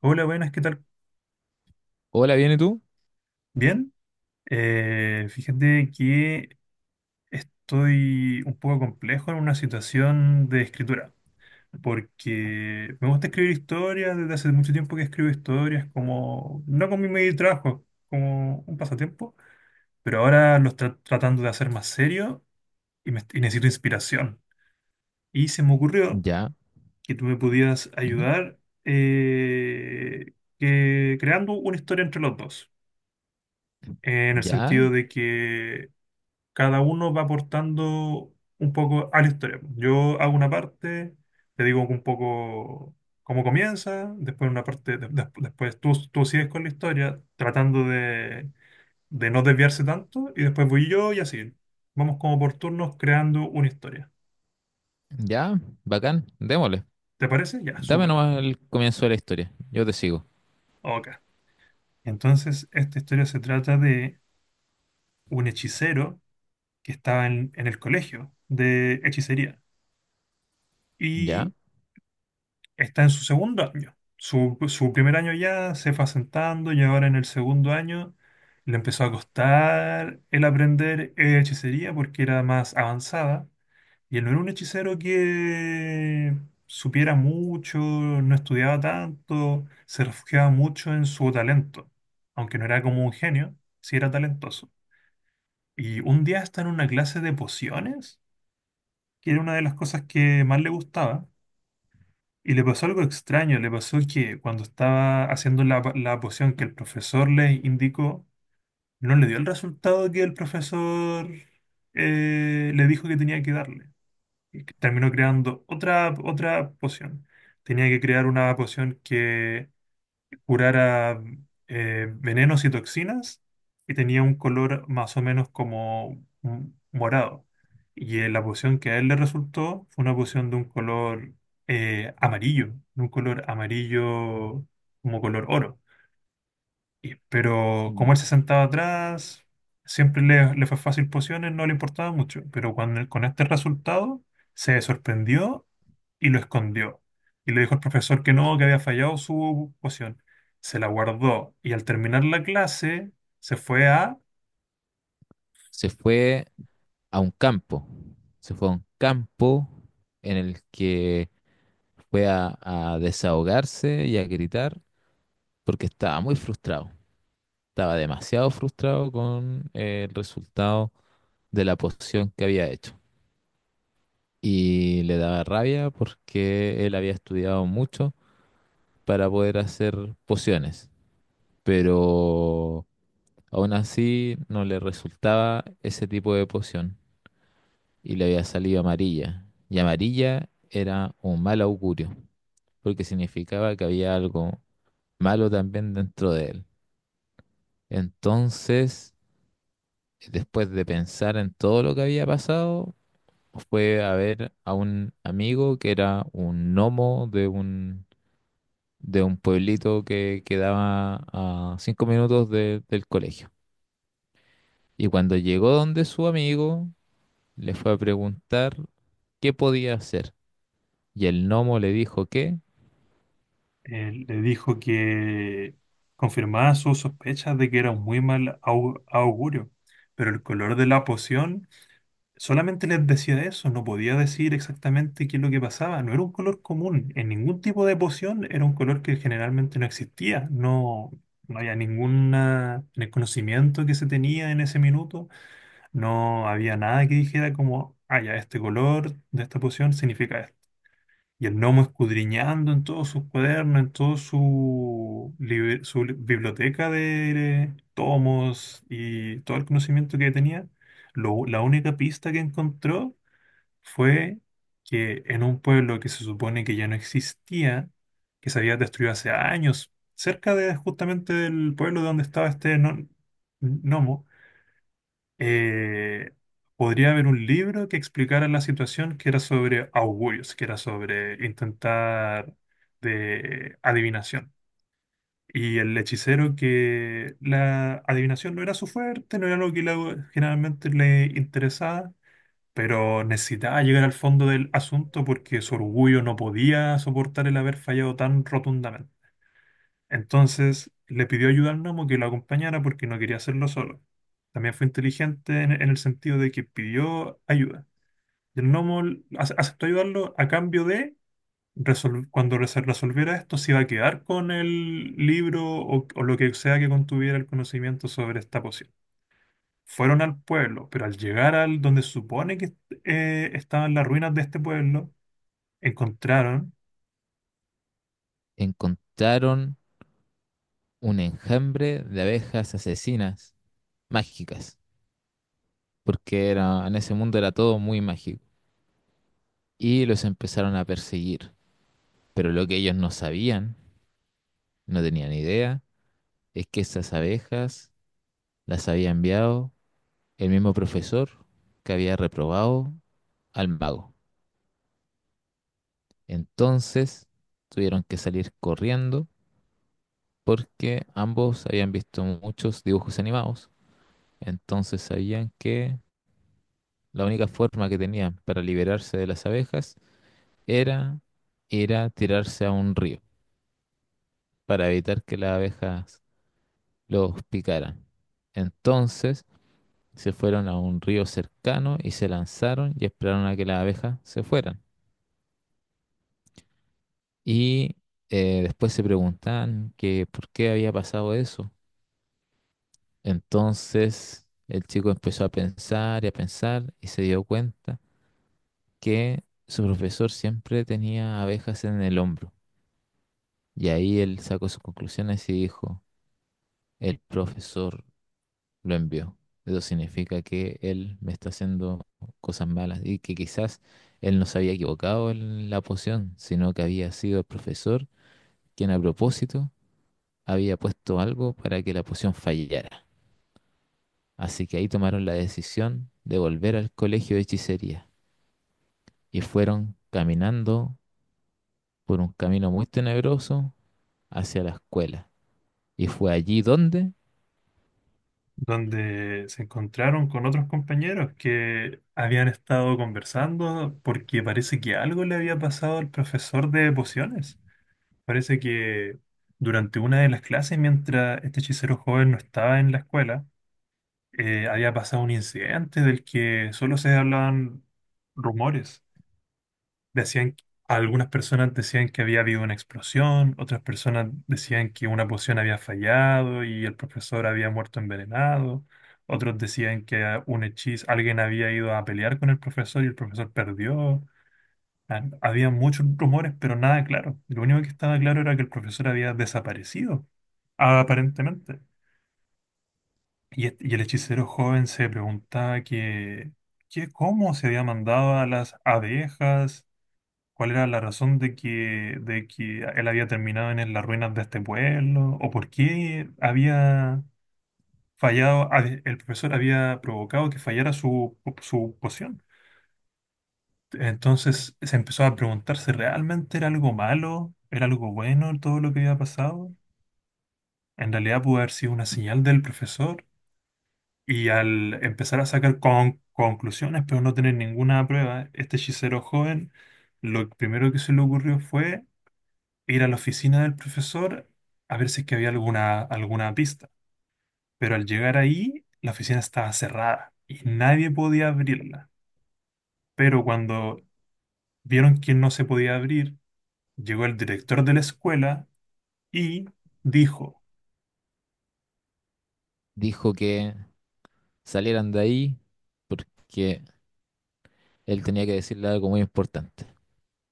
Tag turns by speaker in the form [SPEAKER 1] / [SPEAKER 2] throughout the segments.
[SPEAKER 1] Hola, buenas, ¿qué tal?
[SPEAKER 2] Hola, ¿viene tú?
[SPEAKER 1] Bien. Fíjate que estoy un poco complejo en una situación de escritura, porque me gusta escribir historias, desde hace mucho tiempo que escribo historias, como no con mi medio de trabajo, como un pasatiempo, pero ahora lo estoy tratando de hacer más serio y, y necesito inspiración. Y se me ocurrió
[SPEAKER 2] Ya,
[SPEAKER 1] que tú me podías
[SPEAKER 2] ujú,
[SPEAKER 1] ayudar creando una historia entre los dos, en el
[SPEAKER 2] ya,
[SPEAKER 1] sentido de que cada uno va aportando un poco a la historia. Yo hago una parte, te digo un poco cómo comienza, después una parte, después tú sigues con la historia, tratando de no desviarse tanto, y después voy yo y así. Vamos como por turnos creando una historia.
[SPEAKER 2] ya. Bacán, démosle.
[SPEAKER 1] ¿Te parece? Ya,
[SPEAKER 2] Dame
[SPEAKER 1] súper.
[SPEAKER 2] nomás el comienzo de la historia. Yo te sigo.
[SPEAKER 1] Ok. Entonces, esta historia se trata de un hechicero que estaba en el colegio de hechicería. Y
[SPEAKER 2] Ya.
[SPEAKER 1] está en su segundo año. Su primer año ya se fue asentando y ahora en el segundo año le empezó a costar el aprender hechicería porque era más avanzada, y él no era un hechicero que supiera mucho, no estudiaba tanto, se refugiaba mucho en su talento. Aunque no era como un genio, sí era talentoso. Y un día está en una clase de pociones, que era una de las cosas que más le gustaba, y le pasó algo extraño. Le pasó que cuando estaba haciendo la poción que el profesor le indicó, no le dio el resultado que el profesor le dijo que tenía que darle. Y que terminó creando otra poción. Tenía que crear una poción que curara venenos y toxinas, y tenía un color más o menos como un morado. Y la poción que a él le resultó fue una poción de un color amarillo, de un color amarillo como color oro. Pero como
[SPEAKER 2] Mm.
[SPEAKER 1] él se sentaba atrás, siempre le fue fácil pociones, no le importaba mucho. Pero cuando, con este resultado, se sorprendió y lo escondió. Y le dijo al profesor que no, que había fallado su poción. Se la guardó y al terminar la clase se fue a...
[SPEAKER 2] Se fue a un campo. Se fue a un campo en el que fue a desahogarse y a gritar porque estaba muy frustrado. Estaba demasiado frustrado con el resultado de la posición que había hecho. Y le daba rabia porque él había estudiado mucho para poder hacer pociones, pero aún así no le resultaba ese tipo de poción y le había salido amarilla. Y amarilla era un mal augurio, porque significaba que había algo malo también dentro de él. Entonces, después de pensar en todo lo que había pasado, fue a ver a un amigo que era un gnomo de un pueblito que quedaba a 5 minutos de- del colegio. Y cuando llegó donde su amigo, le fue a preguntar qué podía hacer. Y el gnomo le dijo que
[SPEAKER 1] le dijo que confirmaba sus sospechas de que era un muy mal augurio. Pero el color de la poción solamente les decía eso, no podía decir exactamente qué es lo que pasaba. No era un color común, en ningún tipo de poción era un color que generalmente no existía. No, no había ninguna, en el conocimiento que se tenía en ese minuto, no había nada que dijera como, ah, ya, este color de esta poción significa esto. Y el gnomo, escudriñando en todos sus cuadernos, en toda su, biblioteca de tomos y todo el conocimiento que tenía, la única pista que encontró fue que en un pueblo que se supone que ya no existía, que se había destruido hace años, cerca de justamente del pueblo donde estaba este gnomo, eh, podría haber un libro que explicara la situación, que era sobre augurios, que era sobre intentar de adivinación. Y el hechicero, que la adivinación no era su fuerte, no era lo que generalmente le interesaba, pero necesitaba llegar al fondo del asunto porque su orgullo no podía soportar el haber fallado tan rotundamente. Entonces le pidió ayuda al gnomo, que lo acompañara porque no quería hacerlo solo. También fue inteligente en el sentido de que pidió ayuda. Y el gnomo aceptó ayudarlo a cambio de, cuando se resolviera esto, se iba a quedar con el libro o lo que sea que contuviera el conocimiento sobre esta poción. Fueron al pueblo, pero al llegar al donde se supone que estaban las ruinas de este pueblo, encontraron,
[SPEAKER 2] encontraron un enjambre de abejas asesinas mágicas, porque era, en ese mundo era todo muy mágico. Y los empezaron a perseguir. Pero lo que ellos no sabían, no tenían idea, es que esas abejas las había enviado el mismo profesor que había reprobado al mago. Entonces tuvieron que salir corriendo porque ambos habían visto muchos dibujos animados, entonces sabían que la única forma que tenían para liberarse de las abejas era ir a tirarse a un río para evitar que las abejas los picaran. Entonces se fueron a un río cercano y se lanzaron y esperaron a que las abejas se fueran. Y después se preguntaban que por qué había pasado eso. Entonces el chico empezó a pensar y se dio cuenta que su profesor siempre tenía abejas en el hombro. Y ahí él sacó sus conclusiones y dijo, el profesor lo envió. Eso significa que él me está haciendo cosas malas y que quizás él no se había equivocado en la poción, sino que había sido el profesor quien a propósito había puesto algo para que la poción fallara. Así que ahí tomaron la decisión de volver al colegio de hechicería y fueron caminando por un camino muy tenebroso hacia la escuela. Y fue allí donde
[SPEAKER 1] donde se encontraron con otros compañeros que habían estado conversando porque parece que algo le había pasado al profesor de pociones. Parece que durante una de las clases, mientras este hechicero joven no estaba en la escuela, había pasado un incidente del que solo se hablaban rumores. Decían, algunas personas decían que había habido una explosión, otras personas decían que una poción había fallado y el profesor había muerto envenenado, otros decían que ah, un hechizo, alguien había ido a pelear con el profesor y el profesor perdió. Ah, había muchos rumores, pero nada claro. Lo único que estaba claro era que el profesor había desaparecido, aparentemente. Y, y el hechicero joven se preguntaba que cómo se había mandado a las abejas. ¿Cuál era la razón de de que él había terminado en las ruinas de este pueblo? ¿O por qué había fallado, el profesor había provocado que fallara su poción? Entonces se empezó a preguntar si realmente era algo malo, era algo bueno todo lo que había pasado. En realidad pudo haber sido una señal del profesor, y al empezar a sacar conclusiones, pero no tener ninguna prueba, este hechicero joven, lo primero que se le ocurrió fue ir a la oficina del profesor a ver si es que había alguna, alguna pista. Pero al llegar ahí, la oficina estaba cerrada y nadie podía abrirla. Pero cuando vieron que no se podía abrir, llegó el director de la escuela y dijo,
[SPEAKER 2] dijo que salieran de ahí porque él tenía que decirle algo muy importante.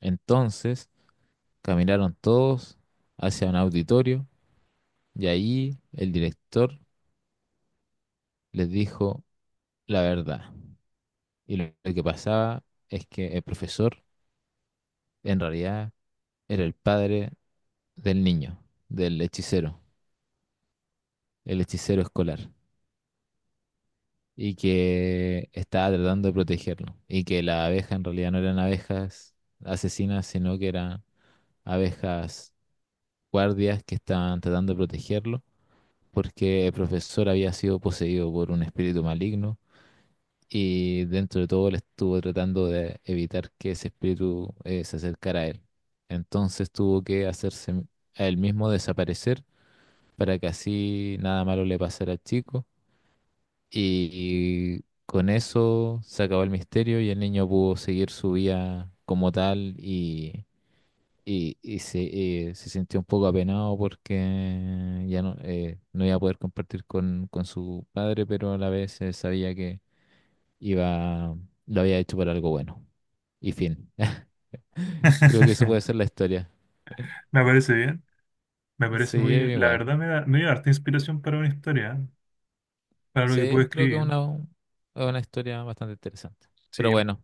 [SPEAKER 2] Entonces caminaron todos hacia un auditorio y ahí el director les dijo la verdad. Y lo que pasaba es que el profesor en realidad era el padre del niño, del hechicero, el hechicero escolar, y que estaba tratando de protegerlo, y que las abejas en realidad no eran abejas asesinas, sino que eran abejas guardias que estaban tratando de protegerlo, porque el profesor había sido poseído por un espíritu maligno, y dentro de todo él estuvo tratando de evitar que ese espíritu se acercara a él. Entonces tuvo que hacerse a él mismo desaparecer para que así nada malo le pasara al chico. Y con eso se acabó el misterio y el niño pudo seguir su vida como tal y, se, se sintió un poco apenado porque ya no, no iba a poder compartir con su padre, pero a la vez sabía que iba, lo había hecho por algo bueno. Y fin. Creo que eso puede ser la historia.
[SPEAKER 1] me parece bien, me
[SPEAKER 2] Sí,
[SPEAKER 1] parece muy bien. La
[SPEAKER 2] igual.
[SPEAKER 1] verdad me da, me dio harta inspiración para una historia, ¿eh? Para lo que
[SPEAKER 2] Sí,
[SPEAKER 1] puedo
[SPEAKER 2] creo que
[SPEAKER 1] escribir.
[SPEAKER 2] es una historia bastante interesante. Pero
[SPEAKER 1] Sí,
[SPEAKER 2] bueno,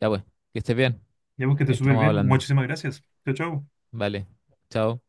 [SPEAKER 2] ya pues, que estés bien.
[SPEAKER 1] ya que te súper
[SPEAKER 2] Estamos
[SPEAKER 1] bien.
[SPEAKER 2] hablando.
[SPEAKER 1] Muchísimas gracias. Chao, chao.
[SPEAKER 2] Vale, chao.